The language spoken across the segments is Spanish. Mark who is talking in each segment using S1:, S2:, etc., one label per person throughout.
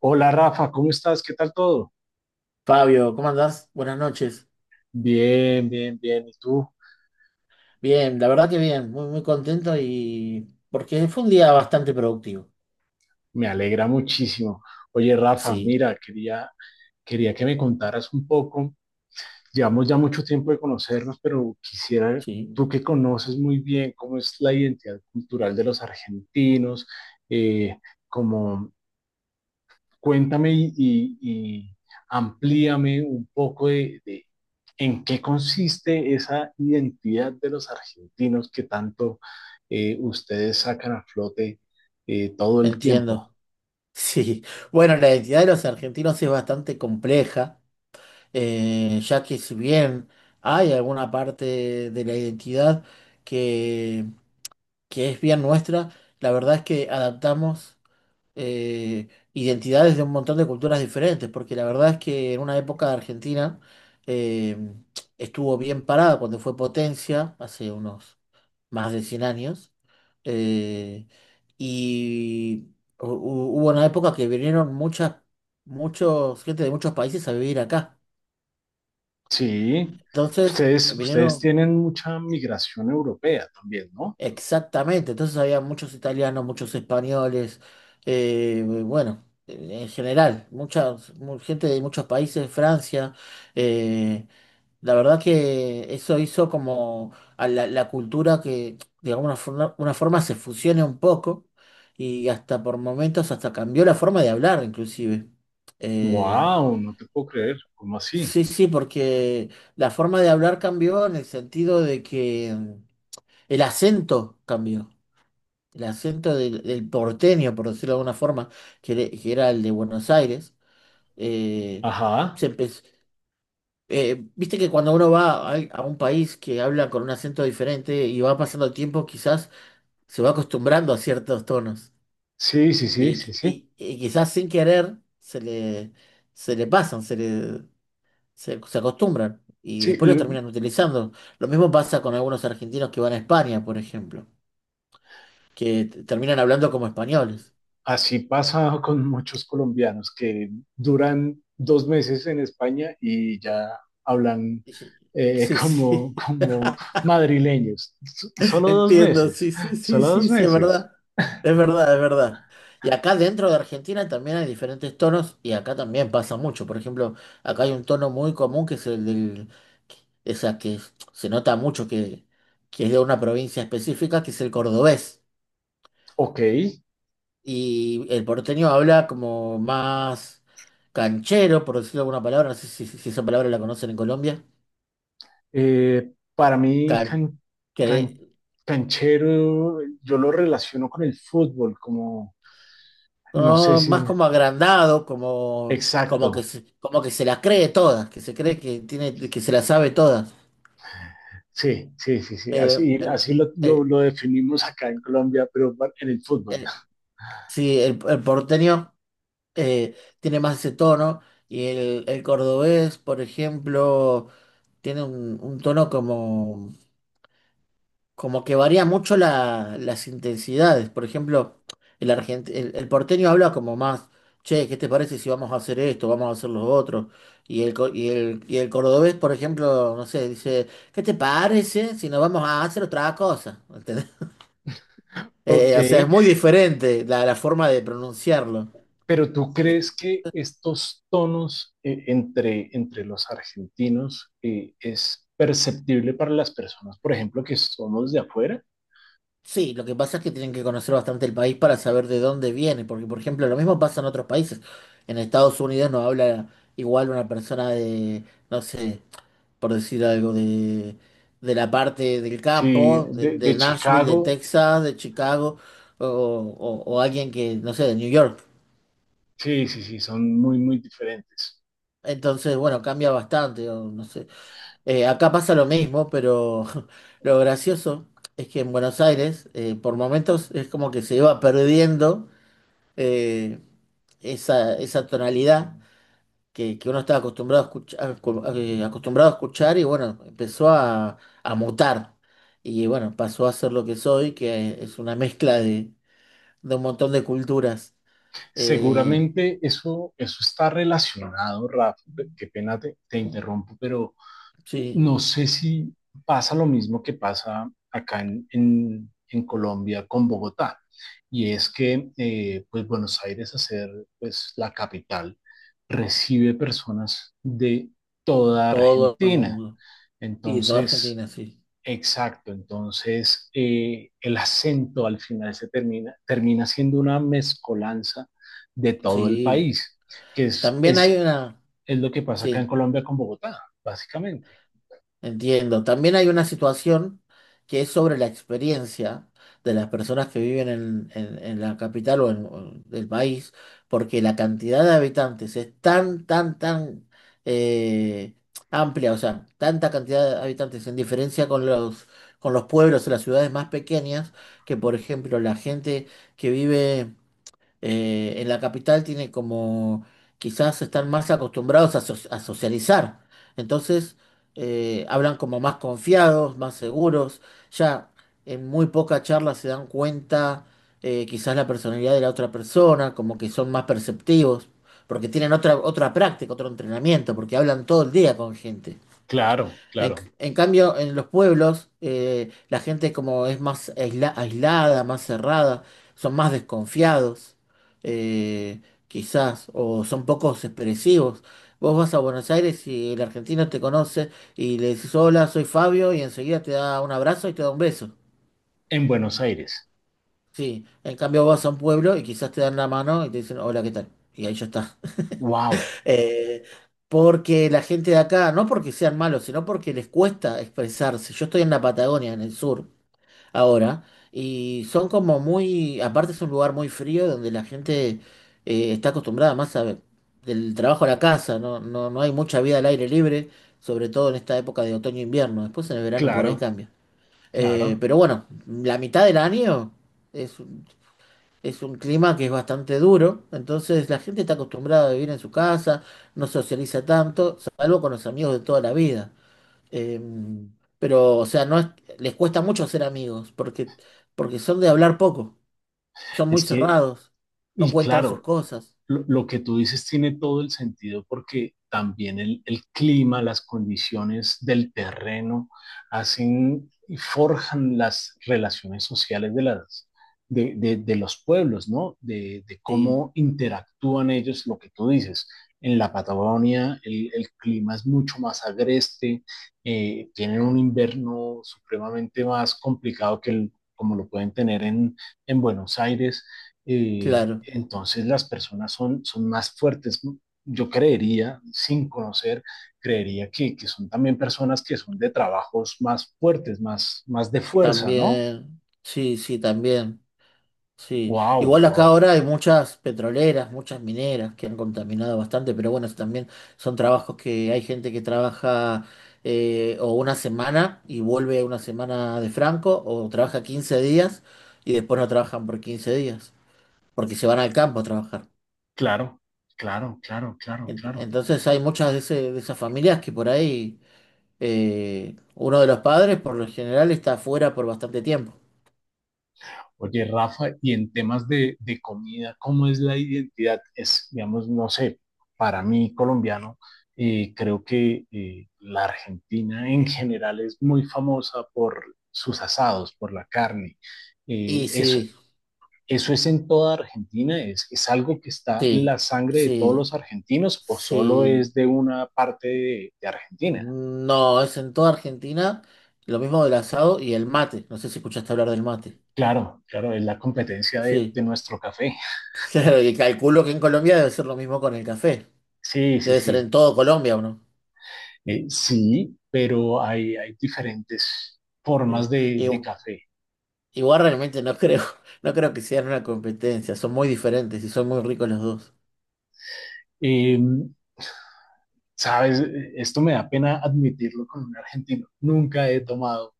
S1: Hola Rafa, ¿cómo estás? ¿Qué tal todo?
S2: Fabio, ¿cómo andás? Buenas noches.
S1: Bien, bien, bien. ¿Y tú?
S2: Bien, la verdad que bien, muy, muy contento y porque fue un día bastante productivo.
S1: Me alegra muchísimo. Oye Rafa,
S2: Sí,
S1: mira, quería que me contaras un poco. Llevamos ya mucho tiempo de conocernos, pero quisiera,
S2: sí,
S1: tú que conoces muy bien cómo es la identidad cultural de los argentinos, eh, como cuéntame y amplíame un poco de en qué consiste esa identidad de los argentinos que tanto ustedes sacan a flote todo el tiempo.
S2: entiendo. Sí, bueno, la identidad de los argentinos es bastante compleja, ya que si bien hay alguna parte de la identidad que, que es bien nuestra, la verdad es que adaptamos. eh, Identidades de un montón de culturas diferentes, porque la verdad es que en una época Argentina eh, estuvo bien parada cuando fue potencia, hace unos más de 100 años. eh, y hubo una época que vinieron gente de muchos países a vivir acá.
S1: Sí,
S2: Entonces,
S1: ustedes
S2: vinieron.
S1: tienen mucha migración europea también, ¿no?
S2: Exactamente, entonces había muchos italianos, muchos españoles, bueno, en general, gente de muchos países, Francia. eh, la verdad que eso hizo como a la cultura que de alguna forma, una forma se fusione un poco y hasta por momentos hasta cambió la forma de hablar inclusive. Eh,
S1: Wow, no te puedo creer, ¿cómo así?
S2: sí, sí, porque la forma de hablar cambió en el sentido de que el acento cambió. El acento del porteño, por decirlo de alguna forma, que era el de Buenos Aires. eh,
S1: Ajá,
S2: Se empezó. Viste que cuando uno va a un país que habla con un acento diferente y va pasando el tiempo, quizás se va acostumbrando a ciertos tonos
S1: sí, sí, sí, sí,
S2: y,
S1: sí.
S2: y quizás sin querer se le pasan, se acostumbran. Y
S1: Sí,
S2: después lo terminan utilizando. Lo mismo pasa con algunos argentinos que van a España, por ejemplo, terminan hablando como españoles.
S1: así pasa con muchos colombianos que duran dos meses en España y ya hablan
S2: Sí, sí.
S1: como madrileños. Solo dos
S2: Entiendo,
S1: meses,
S2: sí, sí, sí,
S1: solo
S2: sí,
S1: dos
S2: sí, es
S1: meses.
S2: verdad. Es verdad, es verdad. Y acá dentro de Argentina también hay diferentes tonos y acá también pasa mucho. Por ejemplo, acá hay un tono muy común que es el del, o sea, se nota mucho que es de una provincia específica, que es el cordobés.
S1: Ok,
S2: Y el porteño habla como más canchero, por decirlo de alguna palabra, no sé si, esa palabra la conocen en Colombia.
S1: para mí can-
S2: Canchero.
S1: canchero yo lo relaciono con el fútbol, como no sé
S2: No,
S1: si...
S2: más como agrandado, como,
S1: Exacto.
S2: que se, como que se la cree todas, que se cree que tiene, que se la sabe todas.
S1: Sí, sí, sí, sí,
S2: Eh,
S1: así, así
S2: eh,
S1: lo definimos acá en Colombia, pero en el fútbol.
S2: eh, sí, el porteño tiene más ese tono y el cordobés, por ejemplo, tiene un tono como que varía mucho las intensidades. Por ejemplo, el porteño habla como más, che, ¿qué te parece si vamos a hacer esto, vamos a hacer lo otro? Y el, co- y el cordobés, por ejemplo, no sé, dice, ¿qué te parece si nos vamos a hacer otra cosa? ¿Entendés?
S1: Ok,
S2: O sea, es muy diferente la forma de pronunciarlo.
S1: pero tú
S2: Eh,
S1: crees que estos tonos entre los argentinos ¿es perceptible para las personas, por ejemplo, que somos de afuera?
S2: Sí, lo que pasa es que tienen que conocer bastante el país para saber de dónde viene, porque por ejemplo lo mismo pasa en otros países. En Estados Unidos no habla igual una persona de, no sé, por decir algo, de, la parte del
S1: Sí,
S2: campo, de
S1: de
S2: Nashville, de
S1: Chicago,
S2: Texas, de Chicago, o alguien que, no sé, de New York.
S1: sí, sí, sí, son muy, muy diferentes.
S2: Entonces, bueno, cambia bastante, o no sé. Acá pasa lo mismo, pero lo gracioso es que en Buenos Aires, por momentos, es como que se iba perdiendo eh, esa tonalidad que uno estaba acostumbrado a escuchar y bueno, empezó a mutar. Y bueno, pasó a ser lo que soy, que es una mezcla de un montón de culturas. Eh,
S1: Seguramente eso, eso está relacionado, Rafa, qué pena te interrumpo, pero
S2: sí,
S1: no sé si pasa lo mismo que pasa acá en Colombia con Bogotá, y es que pues Buenos Aires, a ser pues, la capital, recibe personas de toda
S2: todo el
S1: Argentina.
S2: mundo. Y toda
S1: Entonces,
S2: Argentina, sí.
S1: exacto, entonces el acento al final termina siendo una mezcolanza de todo el
S2: Sí.
S1: país, que es,
S2: También hay
S1: es,
S2: una,
S1: es lo que pasa acá en
S2: sí.
S1: Colombia con Bogotá, básicamente.
S2: Entiendo. También hay una situación que es sobre la experiencia de las personas que viven en la capital o en el país, porque la cantidad de habitantes es tan eh, amplia, o sea, tanta cantidad de habitantes en diferencia con los pueblos o las ciudades más pequeñas, que por ejemplo la gente que vive en la capital tiene como, quizás están más acostumbrados a socializar. Entonces, hablan como más confiados, más seguros. Ya en muy poca charla se dan cuenta, quizás la personalidad de la otra persona, como que son más perceptivos, porque tienen otra práctica, otro entrenamiento, porque hablan todo el día con gente.
S1: Claro, claro.
S2: En cambio, en los pueblos, la gente como es más aislada, más cerrada, son más desconfiados, eh, quizás, o son pocos expresivos. Vos vas a Buenos Aires y el argentino te conoce y le dices, hola, soy Fabio, y enseguida te da un abrazo y te da un beso.
S1: En Buenos Aires.
S2: Sí, en cambio vas a un pueblo y quizás te dan la mano y te dicen, hola, ¿qué tal? Y ahí ya está.
S1: Wow,
S2: Eh, Porque la gente de acá, no porque sean malos, sino porque les cuesta expresarse. Yo estoy en la Patagonia, en el sur, ahora, y son como muy, aparte es un lugar muy frío donde la gente está acostumbrada más a, del trabajo a la casa, no hay mucha vida al aire libre, sobre todo en esta época de otoño e invierno. Después en el verano por ahí
S1: claro,
S2: cambia.
S1: claro.
S2: Pero bueno, la mitad del año es un clima que es bastante duro, entonces la gente está acostumbrada a vivir en su casa, no socializa tanto, salvo con los amigos de toda la vida. Eh, pero, o sea, no es- les cuesta mucho hacer amigos, porque son de hablar poco, son muy
S1: Es que,
S2: cerrados, no
S1: y
S2: cuentan sus
S1: claro,
S2: cosas.
S1: lo que tú dices tiene todo el sentido porque también el clima, las condiciones del terreno hacen y forjan las relaciones sociales de las, de los pueblos, ¿no? De
S2: Sí,
S1: cómo interactúan ellos, lo que tú dices. En la Patagonia el clima es mucho más agreste, tienen un invierno supremamente más complicado que el, como lo pueden tener en Buenos Aires
S2: claro,
S1: entonces las personas son, son más fuertes. ¿No? Yo creería, sin conocer, creería que son también personas que son de trabajos más fuertes, más, más de fuerza, ¿no?
S2: también, sí, sí, también. Sí,
S1: Wow,
S2: igual acá
S1: wow.
S2: ahora hay muchas petroleras, muchas mineras que han contaminado bastante, pero bueno, eso también son trabajos que hay gente que trabaja o una semana y vuelve una semana de franco, o trabaja 15 días y después no trabajan por 15 días, porque se van al campo a trabajar.
S1: Claro, claro, claro, claro, claro.
S2: Entonces hay muchas de esas familias que por ahí uno de los padres por lo general está afuera por bastante tiempo.
S1: Oye, Rafa, y en temas de comida, ¿cómo es la identidad? Es, digamos, no sé, para mí colombiano, creo que la Argentina en general es muy famosa por sus asados, por la carne.
S2: Y
S1: Eso,
S2: sí,
S1: ¿eso es en toda Argentina? Es algo que está en la
S2: sí,
S1: sangre de todos
S2: sí,
S1: los argentinos o solo
S2: sí.
S1: es de una parte de Argentina?
S2: No, es en toda Argentina lo mismo del asado y el mate. No sé si escuchaste hablar del mate.
S1: Claro, claro, es la competencia
S2: Sí.
S1: de nuestro café.
S2: Claro, y calculo que en Colombia debe ser lo mismo con el café.
S1: Sí, sí,
S2: Debe ser
S1: sí.
S2: en todo Colombia, ¿o no?
S1: Sí, pero hay diferentes
S2: Eh,
S1: formas de
S2: igu-
S1: café.
S2: Igual realmente no creo, no creo que sean una competencia. Son muy diferentes y son muy ricos los dos.
S1: Eh, sabes, esto me da pena admitirlo con un argentino. Nunca he tomado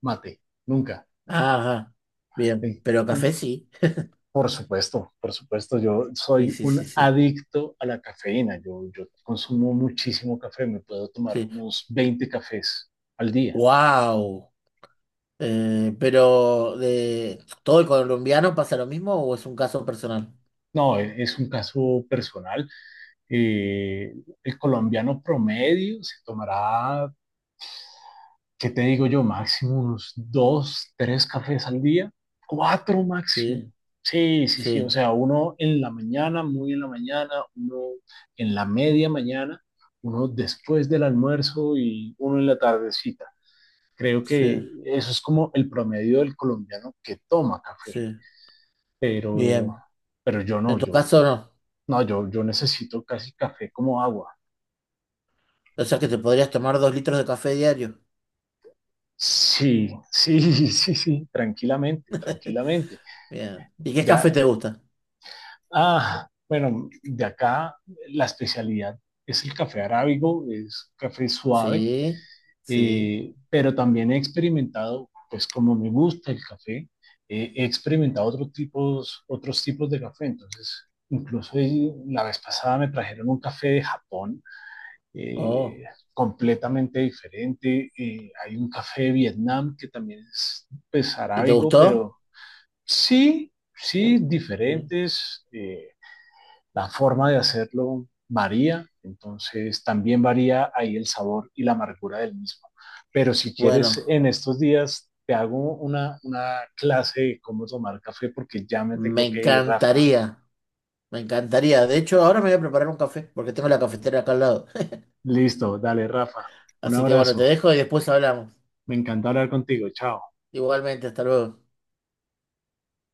S1: mate, nunca.
S2: Ajá.
S1: Eh,
S2: Bien. Pero café sí.
S1: por supuesto, yo
S2: Sí,
S1: soy
S2: sí, sí,
S1: un
S2: sí.
S1: adicto a la cafeína. Yo consumo muchísimo café, me puedo tomar
S2: Sí.
S1: unos 20 cafés al día.
S2: ¡Wow! ¿Pero de todo el colombiano pasa lo mismo o es un caso personal?
S1: No, es un caso personal. Eh, el colombiano promedio se tomará ¿qué te digo yo? Máximo unos dos, tres cafés al día, cuatro
S2: Sí,
S1: máximo. Sí, sí, sí, o
S2: sí.
S1: sea, uno en la mañana, muy en la mañana, uno en la media mañana, uno después del almuerzo y uno en la tardecita. Creo que
S2: Sí.
S1: eso es como el promedio del colombiano que toma café,
S2: Sí,
S1: pero,
S2: bien.
S1: pero yo
S2: En
S1: no,
S2: tu
S1: yo,
S2: caso no.
S1: no, yo necesito casi café como agua.
S2: O sea que te podrías tomar 2 litros de café diario.
S1: Sí, sí, sí, sí, tranquilamente, tranquilamente.
S2: Bien. ¿Y qué café
S1: Ya,
S2: te gusta?
S1: ah, bueno, de acá la especialidad es el café arábigo, es café suave,
S2: Sí, sí.
S1: pero también he experimentado, pues como me gusta el café, he experimentado otros tipos de café. Entonces, incluso la vez pasada me trajeron un café de Japón,
S2: Oh.
S1: eh, completamente diferente. Hay un café de Vietnam que también es, pues,
S2: ¿Y te
S1: arábigo,
S2: gustó?
S1: pero sí, sí,
S2: Sí.
S1: diferentes. Eh, la forma de hacerlo varía, entonces también varía ahí el sabor y la amargura del mismo. Pero si
S2: Bueno,
S1: quieres, en estos días te hago una clase de cómo tomar café porque ya me
S2: me
S1: tengo que ir, Rafa.
S2: encantaría. Me encantaría. De hecho, ahora me voy a preparar un café porque tengo la cafetera acá al lado.
S1: Listo, dale, Rafa. Un
S2: Así que bueno, te
S1: abrazo.
S2: dejo y después hablamos.
S1: Me encanta hablar contigo. Chao.
S2: Igualmente, hasta luego.